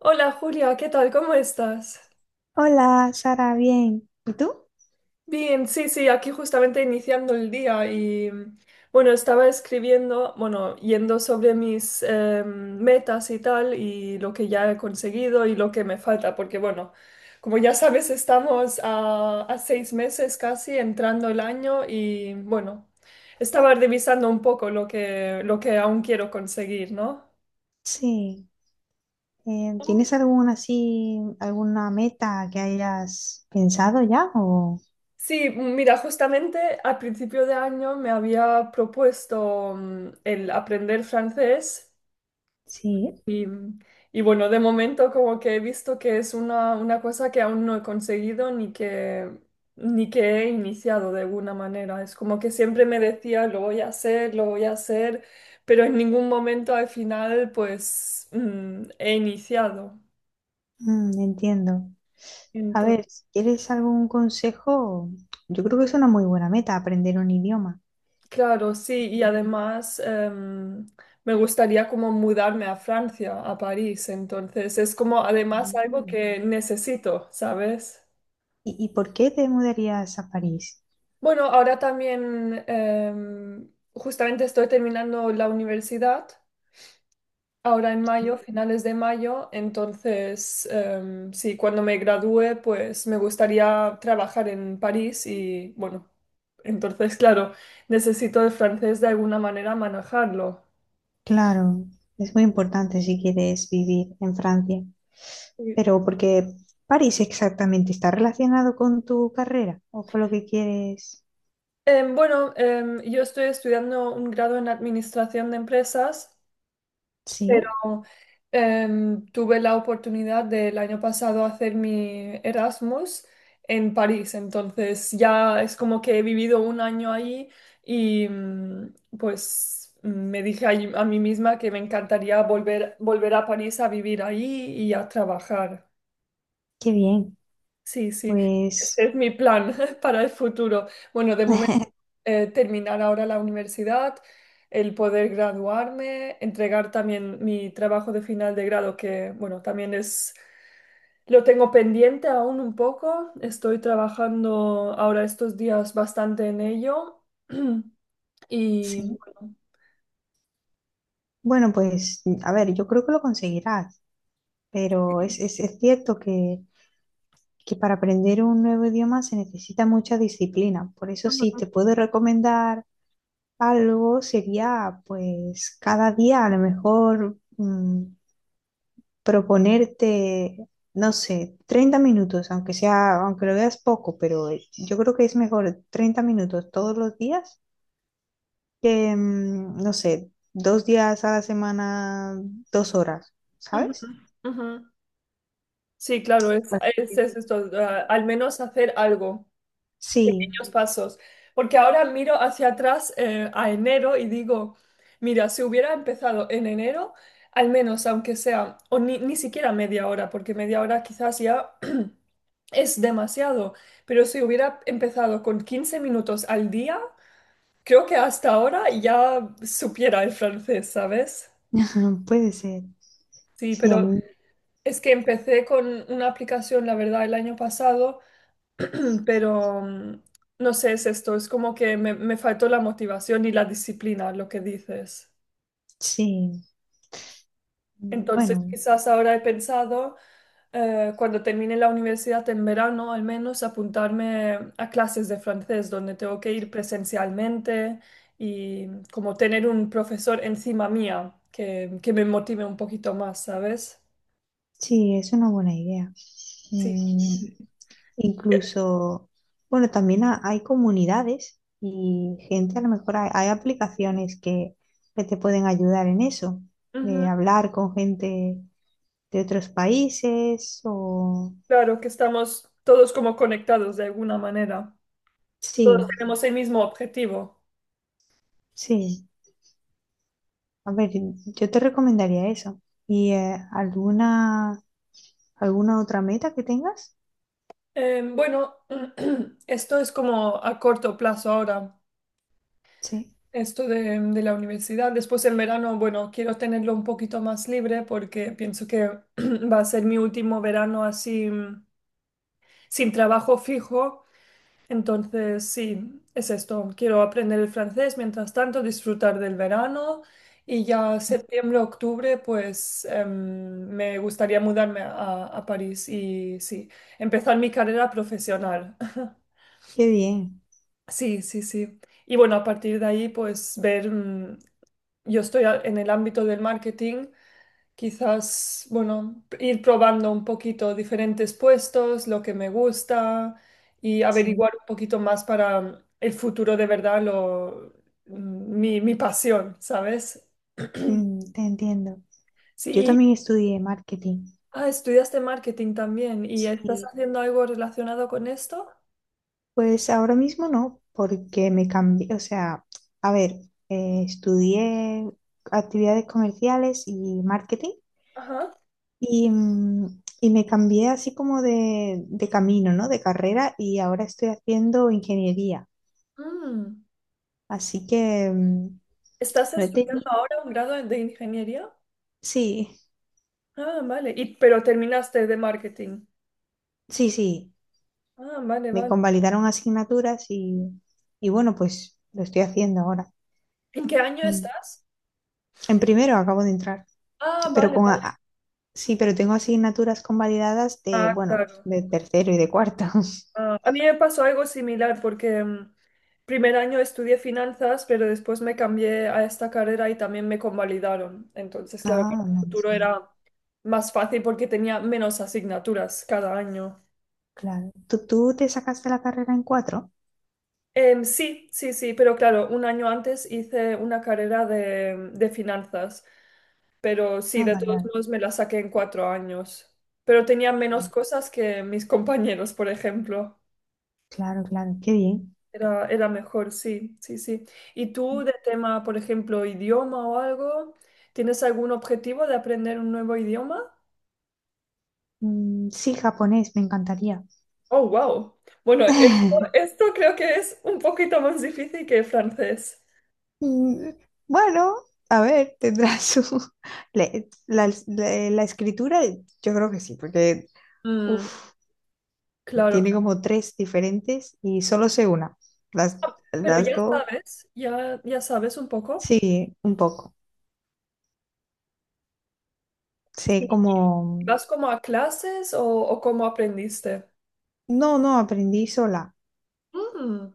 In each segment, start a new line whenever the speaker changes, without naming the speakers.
Hola Julia, ¿qué tal? ¿Cómo estás?
Hola, Sara, bien.
Bien, sí, sí, aquí justamente iniciando el día y bueno, estaba escribiendo, bueno, yendo sobre mis metas y tal y lo que ya he conseguido y lo que me falta, porque bueno, como ya sabes, estamos a 6 meses casi entrando el año y bueno, estaba revisando un poco lo que aún quiero conseguir, ¿no?
Sí. ¿Tienes alguna meta que hayas pensado ya? O
Sí, mira, justamente al principio de año me había propuesto el aprender francés
sí.
y, y bueno, de momento como que he visto que es una cosa que aún no he conseguido ni que he iniciado de alguna manera. Es como que siempre me decía, lo voy a hacer, lo voy a hacer, pero en ningún momento al final pues he iniciado.
Mm, entiendo. A ver, si quieres algún consejo, yo creo que es una muy buena meta aprender un idioma.
Claro, sí, y además me gustaría como mudarme a Francia, a París, entonces es como
Ah.
además algo que necesito, ¿sabes?
¿Y por qué te mudarías a París?
Bueno, ahora también justamente estoy terminando la universidad, ahora en mayo,
Sí.
finales de mayo, entonces sí, cuando me gradúe pues me gustaría trabajar en París y bueno, entonces claro, necesito el francés de alguna manera manejarlo.
Claro, es muy importante si quieres vivir en Francia.
Sí.
Pero porque París exactamente está relacionado con tu carrera o con lo que quieres.
Bueno, yo estoy estudiando un grado en administración de empresas, pero
Sí,
tuve la oportunidad del año pasado hacer mi Erasmus en París, entonces ya es como que he vivido un año ahí y pues me dije a mí misma que me encantaría volver a París a vivir ahí y a trabajar.
qué bien.
Sí, sí, ese
Pues
es mi plan para el futuro. Bueno, de momento terminar ahora la universidad, el poder graduarme, entregar también mi trabajo de final de grado, que bueno, también es, lo tengo pendiente aún un poco. Estoy trabajando ahora estos días bastante en ello. Y
sí.
bueno,
Bueno, pues a ver, yo creo que lo conseguirás, pero es,
sí.
es, es cierto que para aprender un nuevo idioma se necesita mucha disciplina. Por eso sí,
Ujú,
te puedo recomendar algo, sería pues cada día a lo mejor proponerte, no sé, 30 minutos, aunque sea, aunque lo veas poco, pero yo creo que es mejor 30 minutos todos los días que, no sé, 2 días a la semana, 2 horas,
ujú,
¿sabes?
ujú. Sí, claro, es,
Así
es,
que-
es esto, al menos hacer algo.
Sí.
Pequeños pasos. Porque ahora miro hacia atrás a enero y digo, mira, si hubiera empezado en enero, al menos aunque sea, o ni siquiera media hora, porque media hora quizás ya es demasiado, pero si hubiera empezado con 15 minutos al día, creo que hasta ahora ya supiera el francés, ¿sabes?
Puede ser.
Sí,
Sí, a
pero
mí,
es que empecé con una aplicación, la verdad, el año pasado pero no sé, es esto, es como que me faltó la motivación y la disciplina, lo que dices.
sí.
Entonces,
Bueno,
quizás ahora he pensado, cuando termine la universidad en verano, al menos apuntarme a clases de francés, donde tengo que ir presencialmente y como tener un profesor encima mía que me motive un poquito más, ¿sabes?
sí, es una buena idea.
Sí.
Mm, Incluso, bueno, también hay comunidades y gente, a lo mejor hay aplicaciones que te pueden ayudar en eso,
Ujú.
de hablar con gente de otros países o.
Claro que estamos todos como conectados de alguna manera. Todos
Sí,
tenemos el mismo objetivo.
sí. A ver, yo te recomendaría eso. ¿Y alguna otra meta que tengas?
Bueno, esto es como a corto plazo ahora,
Sí,
esto de la universidad. Después en verano, bueno, quiero tenerlo un poquito más libre porque pienso que va a ser mi último verano así, sin trabajo fijo. Entonces, sí, es esto. Quiero aprender el francés, mientras tanto, disfrutar del verano y ya
sí.
septiembre, octubre, pues me gustaría mudarme a París y sí, empezar mi carrera profesional.
Qué bien,
Sí, sí, sí. Y bueno, a partir de ahí, pues ver, yo estoy en el ámbito del marketing. Quizás, bueno, ir probando un poquito diferentes puestos, lo que me gusta y averiguar
sí.
un poquito más para el futuro de verdad, mi pasión, ¿sabes?
Te entiendo.
Sí,
Yo también estudié marketing.
ah, estudiaste marketing también y estás
Sí,
haciendo algo relacionado con esto.
pues ahora mismo no, porque me cambié, o sea, a ver, estudié actividades comerciales y marketing
Ajá.
y me cambié así como de camino, ¿no? De carrera y ahora estoy haciendo ingeniería.
Mm.
Así que
¿Estás
No he
estudiando
teni-
ahora un grado de ingeniería?
sí,
Ah, vale. Y, pero terminaste de marketing.
sí, sí.
Ah, vale,
Me
vale.
convalidaron asignaturas y bueno, pues lo estoy haciendo ahora.
¿En qué año
Mm.
estás?
En primero acabo de entrar,
Ah,
pero
vale,
con... a-
vale.
a- sí, pero tengo asignaturas convalidadas de,
Ah,
bueno,
claro.
de tercero y de cuarto.
Ah, a mí me pasó algo similar porque primer año estudié finanzas, pero después me cambié a esta carrera y también me convalidaron. Entonces, claro, para
Ah,
el
menos
futuro
mal.
era más fácil porque tenía menos asignaturas cada año.
Claro. ¿Tú te sacaste la carrera en cuatro?
Sí, sí, sí, pero claro, un año antes hice una carrera de finanzas. Pero sí,
Ah,
de
vale,
todos
vale.
modos me la saqué en 4 años. Pero tenía menos
Vale.
cosas que mis compañeros, por ejemplo.
Claro, claro. Qué bien.
Era mejor, sí, sí, sí. ¿Y tú de tema, por ejemplo, idioma o algo? ¿Tienes algún objetivo de aprender un nuevo idioma?
Mm, sí, japonés, me encantaría.
Oh, wow. Bueno, esto, esto creo que es un poquito más difícil que el francés.
Mm. Bueno, a ver, tendrá su. La escritura, yo creo que sí, porque
Mm,
uf,
claro,
tiene
claro.
como tres diferentes y solo sé una. Las,
Ah, pero
las
ya
dos,
sabes, ya sabes un poco.
sí, un poco. Sé como.
¿Vas como a clases o, cómo aprendiste?
No, no, aprendí sola.
Mm.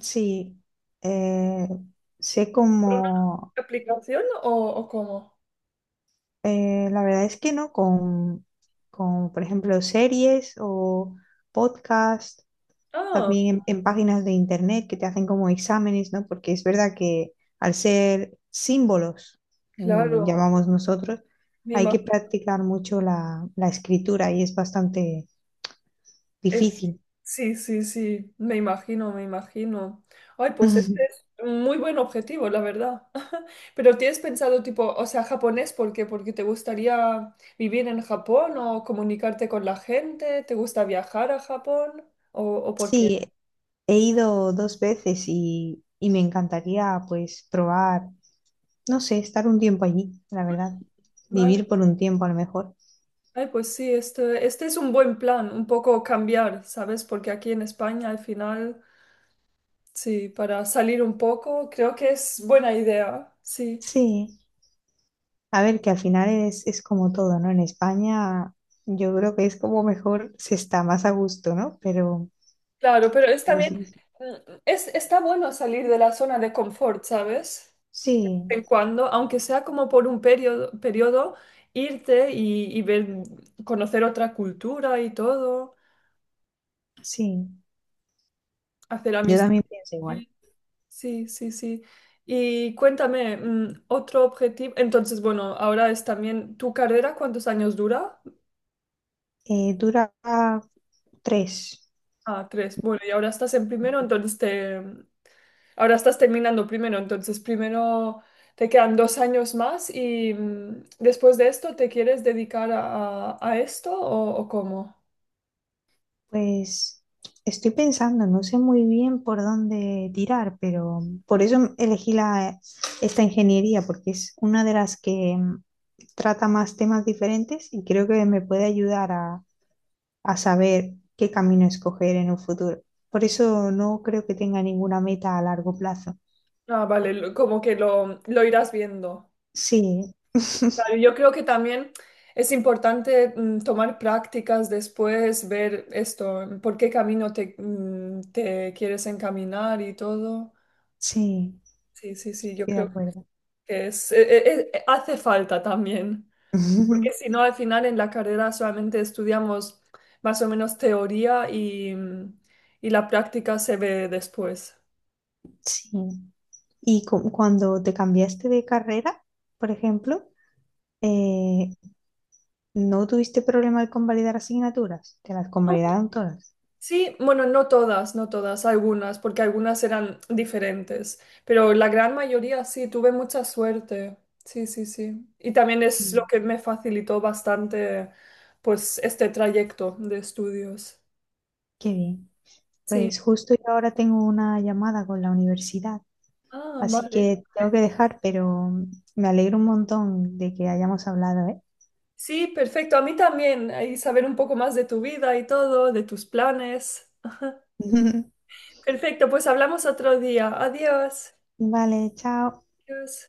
Sí, eh, sé
¿Por una
como.
aplicación o, cómo?
La verdad es que no, por ejemplo, series o podcast
Ah,
también en páginas de internet que te hacen como exámenes, ¿no? Porque es verdad que al ser símbolos,
claro.
llamamos nosotros,
Me
hay
ima-
que practicar mucho la escritura y es bastante
es-
difícil.
sí, sí, sí. Me imagino, me imagino. Ay, pues este es un muy buen objetivo, la verdad. Pero ¿tienes pensado tipo, o sea, japonés? ¿Por qué? ¿Porque te gustaría vivir en Japón o comunicarte con la gente? ¿Te gusta viajar a Japón? ¿O, por qué?
Sí, he ido 2 veces y me encantaría pues probar, no sé, estar un tiempo allí, la verdad,
Vale.
vivir por un tiempo a lo mejor.
Ay, pues sí, este es un buen plan, un poco cambiar, ¿sabes? Porque aquí en España al final... Sí, para salir un poco, creo que es buena idea, sí.
Sí. A ver, que al final es como todo, ¿no? En España yo creo que es como mejor se está más a gusto, ¿no? Pero,
Claro, pero es
pero
también,
sí,
está bueno salir de la zona de confort, ¿sabes?
sí,
De vez en cuando, aunque sea como por un periodo, irte y ver, conocer otra cultura y todo,
sí,
hacer
yo
amistad.
también pienso igual.
Sí, sí, sí. Y cuéntame, otro objetivo, entonces, bueno, ahora es también, ¿tu carrera cuántos años dura?
Dura tres.
Ah, tres. Bueno, y ahora estás en primero, entonces te... ahora estás terminando primero, entonces primero te quedan 2 años más y después de esto, ¿te quieres dedicar a esto o, cómo?
Pues estoy pensando, no sé muy bien por dónde tirar, pero por eso elegí esta ingeniería, porque es una de las que trata más temas diferentes y creo que me puede ayudar a saber qué camino escoger en un futuro. Por eso no creo que tenga ninguna meta a largo plazo.
Ah, vale, como que lo irás viendo.
Sí,
Claro, yo creo que también es importante, tomar prácticas después, ver esto, por qué camino te, te quieres encaminar y todo.
sí,
Sí, sí, sí, yo
estoy de
creo
acuerdo.
que hace falta también, porque si no, al final en la carrera solamente estudiamos más o menos teoría y la práctica se ve después.
Sí. Y cuando te cambiaste de carrera, por ejemplo, eh, ¿no tuviste problema de convalidar asignaturas? Te las
No,
convalidaron todas.
sí, bueno, no todas, no todas, algunas, porque algunas eran diferentes, pero la gran mayoría sí, tuve mucha suerte. Sí, sí, sí. Y también es lo
Sí.
que me facilitó bastante, pues, este trayecto de estudios.
Qué bien.
Sí.
Pues justo yo ahora tengo una llamada con la universidad,
Ah,
así
vale.
que tengo que dejar, pero me alegro un montón de que hayamos hablado, ¿eh?
Sí, perfecto. A mí también. Ahí saber un poco más de tu vida y todo, de tus planes. Perfecto, pues hablamos otro día. Adiós.
Vale, chao.
Adiós.